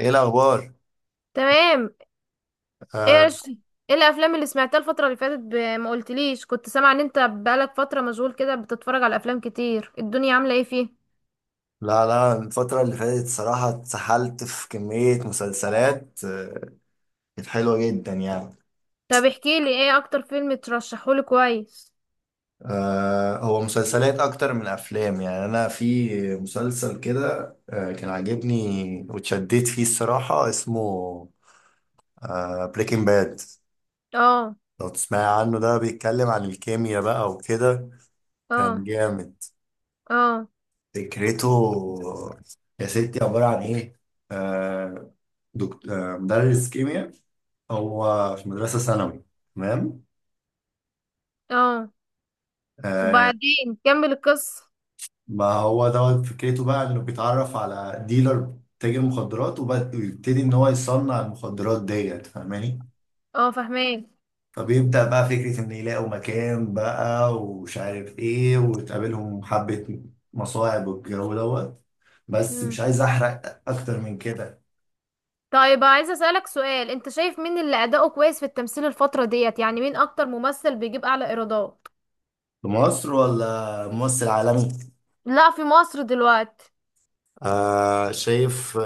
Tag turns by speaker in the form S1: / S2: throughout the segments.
S1: ايه الاخبار؟
S2: تمام. ايه يا
S1: آه.
S2: رش- ايه الافلام اللي سمعتها الفتره اللي فاتت ما قلتليش، كنت سامعه ان انت بقالك فتره مشغول كده بتتفرج على افلام كتير. الدنيا عامله ايه فيه؟
S1: لا لا، الفتره اللي فاتت صراحه اتسحلت في كميه مسلسلات كانت حلوه جدا يعني.
S2: طب احكي لي ايه اكتر فيلم ترشحهولي كويس.
S1: هو مسلسلات اكتر من افلام، يعني انا في مسلسل كده كان عاجبني واتشديت فيه الصراحه. اسمه بريكنج باد.
S2: اه.
S1: لو تسمعي عنه، ده بيتكلم عن الكيمياء بقى وكده. كان
S2: اه.
S1: جامد.
S2: اه.
S1: فكرته يا ستي عباره عن ايه؟ آه دكتور، مدرس كيمياء، هو في مدرسة ثانوي. تمام.
S2: اه.
S1: آه.
S2: وبعدين كمل القصه.
S1: ما هو دوت فكرته بقى انه بيتعرف على ديلر، تاجر مخدرات، ويبتدي ان هو يصنع المخدرات ديت، فاهماني؟
S2: اه، فهماك.
S1: فبيبدأ بقى فكرة ان يلاقوا مكان بقى ومش عارف ايه، وتقابلهم حبة مصاعب والجو دوت. بس
S2: مم.
S1: مش عايز احرق اكتر من كده.
S2: طيب عايزه اسالك سؤال، انت شايف مين اللي اداؤه كويس في التمثيل الفتره ديت؟ يعني مين اكتر ممثل بيجيب اعلى ايرادات؟
S1: في مصر ولا ممثل عالمي؟
S2: لا، في مصر دلوقتي.
S1: شايف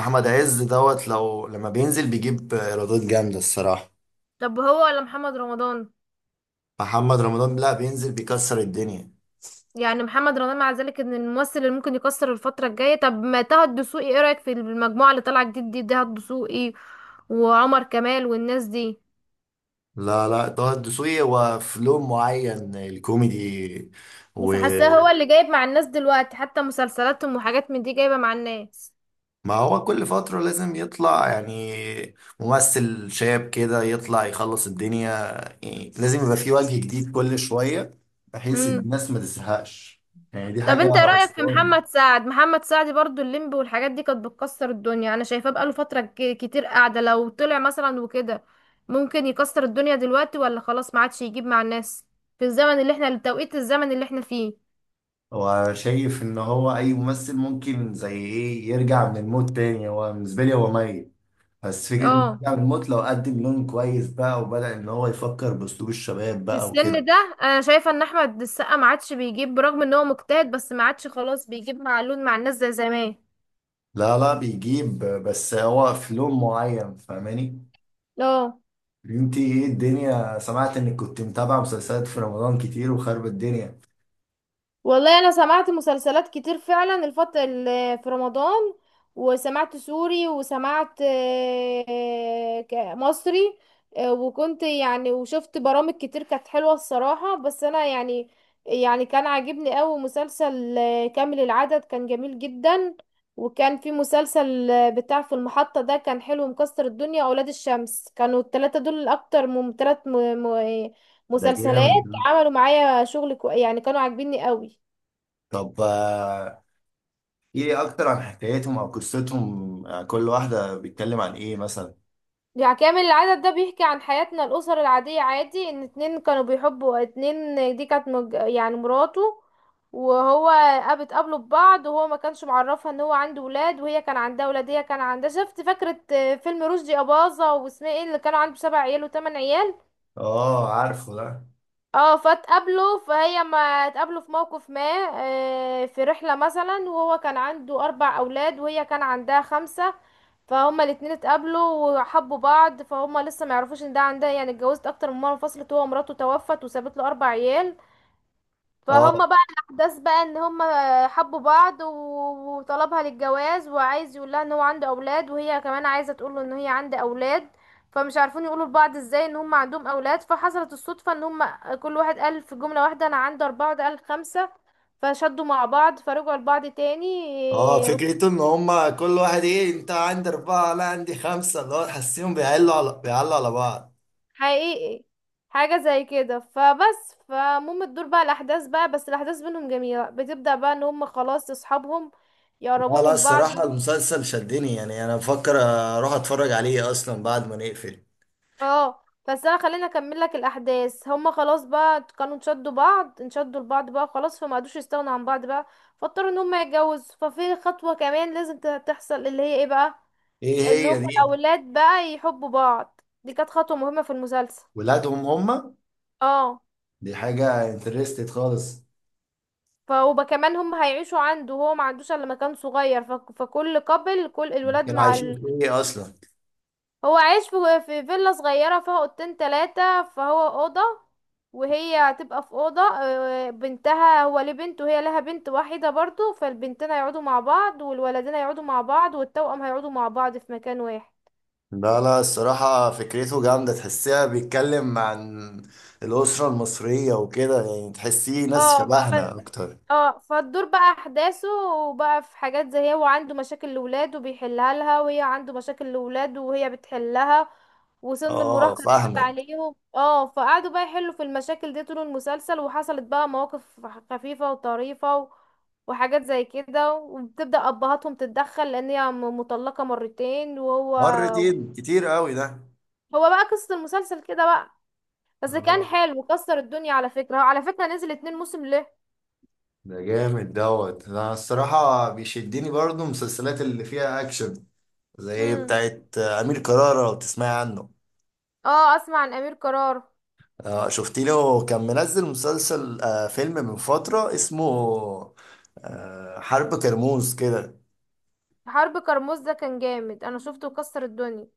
S1: احمد عز دوت، لو لما بينزل بيجيب ايرادات جامدة الصراحة.
S2: طب هو ولا محمد رمضان؟
S1: محمد رمضان، لا، بينزل بيكسر الدنيا.
S2: يعني محمد رمضان مع ذلك ان الممثل اللي ممكن يكسر الفترة الجاية. طب ما طه الدسوقي، ايه رأيك في المجموعة اللي طالعة جديد دي؟ طه الدسوقي وعمر كمال والناس دي.
S1: لا لا، طه الدسوقي هو في لون معين، الكوميدي.
S2: بس حاساه هو
S1: وما
S2: اللي جايب مع الناس دلوقتي، حتى مسلسلاتهم وحاجات من دي جايبة مع الناس.
S1: هو كل فترة لازم يطلع يعني ممثل شاب كده يطلع يخلص الدنيا. يعني لازم يبقى في وجه جديد كل شوية، بحيث
S2: امم.
S1: الناس ما تزهقش. يعني دي
S2: طب
S1: حاجة
S2: انت ايه رأيك في محمد
S1: أسطورية.
S2: سعد؟ محمد سعد برضو الليمبي والحاجات دي كانت بتكسر الدنيا. انا شايفاه بقاله فترة كتير قاعدة. لو طلع مثلا وكده ممكن يكسر الدنيا دلوقتي، ولا خلاص ما عادش يجيب مع الناس في الزمن اللي احنا، التوقيت الزمن اللي احنا فيه؟
S1: وشايف إن هو أي ممثل ممكن زي إيه يرجع من الموت تاني. هو بالنسبة لي هو ميت، بس فكرة إن
S2: اه.
S1: يعمل موت لو قدم لون كويس بقى وبدأ إن هو يفكر بأسلوب الشباب
S2: في
S1: بقى
S2: السن
S1: وكده.
S2: ده انا شايفه ان احمد السقا ما عادش بيجيب برغم ان هو مجتهد، بس ما عادش خلاص بيجيب معلول مع الناس زي زمان.
S1: لا لا، بيجيب، بس هو في لون معين، فاهماني؟
S2: لا.
S1: انتي ايه الدنيا؟ سمعت انك كنت متابعة مسلسلات في رمضان كتير وخرب الدنيا.
S2: والله انا سمعت مسلسلات كتير فعلا الفط في رمضان. وسمعت سوري وسمعت مصري. وكنت يعني وشفت برامج كتير كانت حلوة الصراحة، بس انا يعني يعني كان عاجبني قوي مسلسل كامل العدد، كان جميل جدا. وكان في مسلسل بتاع في المحطة ده، كان حلو مكسر الدنيا، اولاد الشمس. كانوا التلاتة دول الاكتر من تلات م-
S1: ده
S2: مسلسلات.
S1: جامد ده.
S2: عملوا معايا شغل يعني كانوا عاجبيني قوي.
S1: طب ايه اكتر عن حكايتهم او قصتهم؟ كل واحدة بيتكلم عن ايه مثلا؟
S2: يعني كامل العدد ده بيحكي عن حياتنا، الأسر العادية، عادي ان اتنين كانوا بيحبوا اتنين، دي كانت يعني مراته. وهو اتقابلوا ببعض وهو ما كانش معرفها ان هو عنده ولاد وهي كان عندها ولاد. هي كان عندها، شفت، فاكرة فيلم رشدي أباظة واسمها ايه، اللي كانوا عنده 7 عيال وتمن عيال؟
S1: اه، عارفه ده.
S2: اه. فاتقابلوا فهي، ما اتقابلوا في موقف ما، في رحلة مثلا. وهو كان عنده 4 أولاد وهي كان عندها 5. فهما الاتنين اتقابلوا وحبوا بعض، فهما لسه ما يعرفوش ان ده عندها، يعني اتجوزت اكتر من مره انفصلت، هو مراته توفت وسابت له 4 عيال.
S1: اه
S2: فهما بقى الاحداث بقى ان هما حبوا بعض وطلبها للجواز، وعايز يقول لها ان هو عنده اولاد، وهي كمان عايزه تقول له ان هي عندها اولاد. فمش عارفين يقولوا لبعض ازاي ان هما عندهم اولاد. فحصلت الصدفه ان هما كل واحد قال في جمله واحده، انا عندي 4 وده قال 5. فشدوا مع بعض فرجعوا لبعض تاني.
S1: اه، فكرته ان هما كل واحد ايه؟ انت عندي اربعة، لا عندي خمسة، اللي هو تحسيهم بيعلوا على بعض.
S2: حقيقي. حاجة زي كده. فبس فمهم تدور بقى الأحداث بقى، بس الأحداث بينهم جميلة. بتبدأ بقى إن هم خلاص أصحابهم، يقربوا
S1: لا لا،
S2: من بعض.
S1: الصراحة المسلسل شدني، يعني انا بفكر اروح اتفرج عليه اصلا بعد ما نقفل.
S2: اه، بس أنا خليني أكمل لك الأحداث. هم خلاص بقى كانوا انشدوا بعض، انشدوا لبعض بقى خلاص، فما قدوش يستغنوا عن بعض بقى. فاضطروا إن هم يتجوزوا. ففي خطوة كمان لازم تحصل اللي هي ايه بقى.
S1: ايه
S2: إن هم
S1: هي دي؟
S2: الأولاد بقى يحبوا بعض، دي كانت خطوة مهمة في المسلسل.
S1: ولادهم هما؟
S2: اه.
S1: دي حاجة انترستد خالص.
S2: وكمان هم هيعيشوا عنده وهو ما عندوش الا مكان صغير، فكل قبل كل
S1: هما
S2: الولاد
S1: كانوا
S2: مع
S1: عايشين في ايه اصلا؟
S2: هو عايش في فيلا صغيرة فيها اوضتين تلاتة. فهو اوضة وهي هتبقى في اوضة بنتها. هو ليه بنت وهي لها بنت واحدة برضو، فالبنتين هيقعدوا مع بعض والولدين هيقعدوا مع بعض والتوأم هيقعدوا مع بعض في مكان واحد.
S1: لا لا، الصراحة فكرته جامدة، تحسيها بيتكلم عن الأسرة المصرية وكده، يعني تحسيه ناس
S2: اه.
S1: شبهنا أكتر.
S2: اه، فالدور بقى احداثه. وبقى في حاجات زي هو عنده مشاكل لولاده بيحلها لها، وهي عنده مشاكل لولاده وهي بتحلها، وسن
S1: اه،
S2: المراهقة دخل
S1: فاهمك.
S2: عليهم. اه، فقعدوا بقى يحلوا في المشاكل دي طول المسلسل، وحصلت بقى مواقف خفيفة وطريفة و... وحاجات زي كده. وبتبدأ أبهاتهم تتدخل لأن هي مطلقة مرتين وهو
S1: مرتين كتير قوي ده.
S2: هو بقى قصة المسلسل كده بقى. بس كان
S1: اه،
S2: حلو، كسر الدنيا. على فكرة هو على فكرة نزل 2 موسم ليه.
S1: ده جامد دوت. انا الصراحة بيشدني برضو المسلسلات اللي فيها اكشن، زي
S2: امم.
S1: بتاعت امير كرارة، لو تسمعي عنه.
S2: اه، اسمع عن أمير قرار.
S1: شفتي له كان منزل مسلسل، فيلم من فترة، اسمه حرب كرموز كده.
S2: حرب كرموز ده كان جامد، انا شفته كسر الدنيا.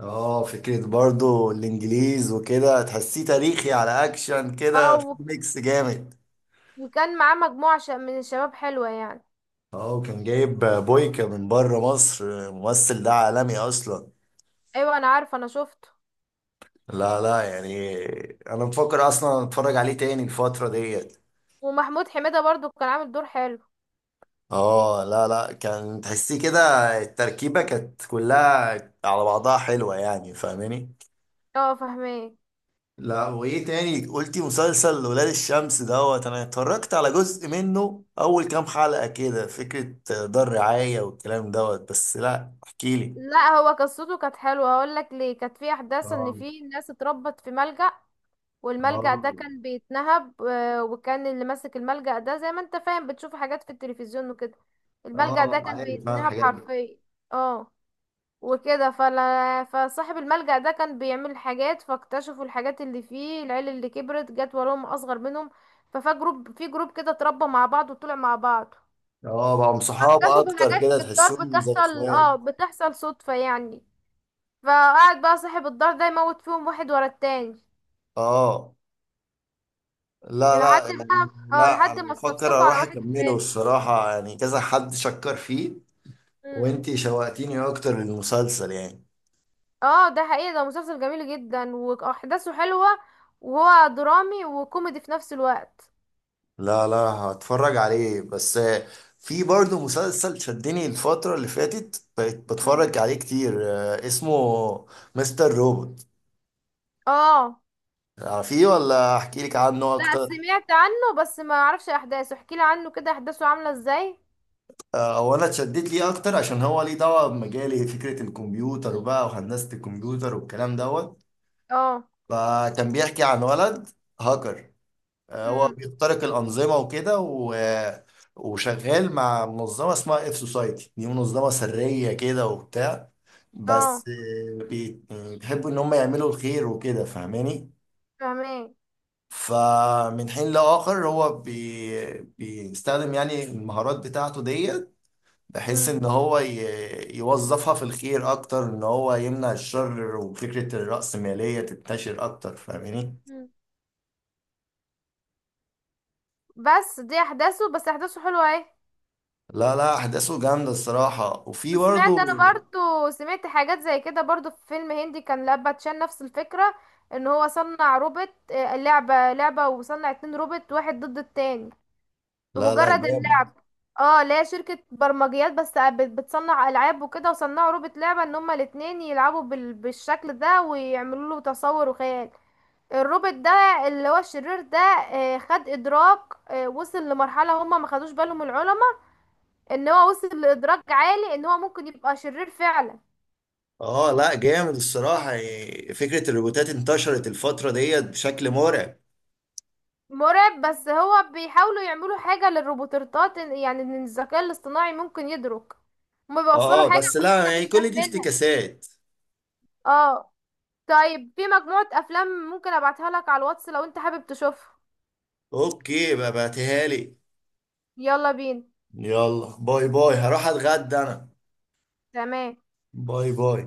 S1: اه، فكرة برضو الانجليز وكده، تحسيه تاريخي على اكشن
S2: اه
S1: كده، في ميكس جامد.
S2: وكان معاه مجموعة من الشباب حلوة يعني.
S1: اه، وكان جايب بويكا من بره مصر، الممثل ده عالمي اصلا.
S2: ايوه انا عارفة، انا شفته.
S1: لا لا يعني انا مفكر اصلا اتفرج عليه تاني الفترة ديت.
S2: ومحمود حميدة برضو كان عامل دور حلو.
S1: اه، لا لا، كان تحسيه كده، التركيبة كانت كلها على بعضها حلوة يعني، فاهماني؟
S2: اه، فاهماه.
S1: لا، وايه تاني قلتي؟ مسلسل ولاد الشمس دوت انا اتفرجت على جزء منه اول كام حلقة كده، فكرة دار رعاية والكلام دوت. بس لا، احكيلي.
S2: لا، هو قصته كانت حلوة، هقول لك ليه. كانت في احداث ان
S1: اه
S2: في ناس اتربت في ملجأ. والملجأ
S1: اه
S2: ده كان بيتنهب، وكان اللي ماسك الملجأ ده زي ما انت فاهم بتشوف حاجات في التلفزيون وكده. الملجأ ده
S1: اه،
S2: كان
S1: عارف انا
S2: بيتنهب
S1: الحاجات دي.
S2: حرفيا. اه. وكده فلا، فصاحب الملجأ ده كان بيعمل حاجات، فاكتشفوا الحاجات اللي فيه. العيال اللي كبرت جت وراهم أصغر منهم. ففي جروب في جروب كده اتربى مع بعض وطلع مع بعض.
S1: اه، بقى صحاب
S2: اكتشفوا
S1: اكتر
S2: حاجات
S1: كده،
S2: في الدار
S1: تحسهم زي
S2: بتحصل،
S1: اخوات.
S2: اه، بتحصل صدفة يعني. فقعد بقى صاحب الدار ده يموت فيهم واحد ورا التاني
S1: اه لا
S2: لحد
S1: لا
S2: ما
S1: يعني
S2: اه
S1: لا، انا
S2: لحد ما
S1: بفكر
S2: اتصفصفوا على
S1: اروح
S2: واحد
S1: اكمله
S2: كمان.
S1: الصراحة، يعني كذا حد شكر فيه.
S2: مم.
S1: وانتي شوقتيني اكتر للمسلسل يعني.
S2: اه، ده حقيقي، ده مسلسل جميل جدا واحداثه حلوة، وهو درامي وكوميدي في نفس الوقت.
S1: لا لا، هتفرج عليه. بس في برضه مسلسل شدني الفترة اللي فاتت بقيت
S2: مم.
S1: بتفرج عليه كتير اسمه مستر روبوت.
S2: اه،
S1: عارفيه ولا احكي لك عنه
S2: لا
S1: اكتر؟
S2: سمعت عنه بس ما اعرفش احداثه، احكي لي عنه كده، احداثه عامله ازاي؟
S1: او انا اتشدت ليه اكتر عشان هو ليه دعوة بمجالي، فكرة الكمبيوتر بقى وهندسة الكمبيوتر والكلام دوت.
S2: اه.
S1: فكان بيحكي عن ولد هاكر، هو
S2: امم.
S1: بيخترق الأنظمة وكده وشغال مع منظمة اسمها اف سوسايتي، دي منظمة سرية كده وبتاع.
S2: اه،
S1: بس بيحبوا إن هم يعملوا الخير وكده، فاهماني؟
S2: فاهمين.
S1: فمن حين لآخر هو بيستخدم يعني المهارات بتاعته ديت، بحيث
S2: امم.
S1: إن هو يوظفها في الخير أكتر، إن هو يمنع الشر وفكرة الرأسمالية تنتشر أكتر، فاهماني؟
S2: بس دي احداثه، بس احداثه حلوه اهي.
S1: لا لا، احداثه جامده الصراحه، وفي
S2: وسمعت،
S1: برضه.
S2: انا برضو سمعت حاجات زي كده، برضو في فيلم هندي كان لاباتشان نفس الفكرة. ان هو صنع روبوت لعبة وصنع اتنين روبوت واحد ضد التاني
S1: لا لا
S2: بمجرد
S1: جامد.
S2: اللعب. اه، لا شركة برمجيات بس، بتصنع ألعاب وكده، وصنعوا روبوت لعبة ان هما الاتنين يلعبوا بالشكل ده ويعملوا له تصور وخيال. الروبوت ده اللي هو الشرير ده خد ادراك. وصل لمرحلة هما ما خدوش بالهم العلماء، ان هو وصل لادراك عالي ان هو ممكن يبقى شرير فعلا.
S1: اه، لا جامد الصراحة، يعني فكرة الروبوتات انتشرت الفترة ديت بشكل مرعب.
S2: مرعب، بس هو بيحاولوا يعملوا حاجة للروبوتات، يعني ان الذكاء الاصطناعي ممكن يدرك. هما بيوصلوا
S1: اه اه،
S2: حاجة
S1: بس
S2: بس
S1: لا
S2: احنا
S1: يعني
S2: مش
S1: كل دي
S2: فاهمينها.
S1: افتكاسات.
S2: اه. طيب في مجموعة افلام ممكن ابعتها لك على الواتس لو انت حابب تشوفها.
S1: اوكي، بقى بعتها لي.
S2: يلا بينا.
S1: يلا باي باي، هروح اتغدى انا.
S2: تمام.
S1: باي باي.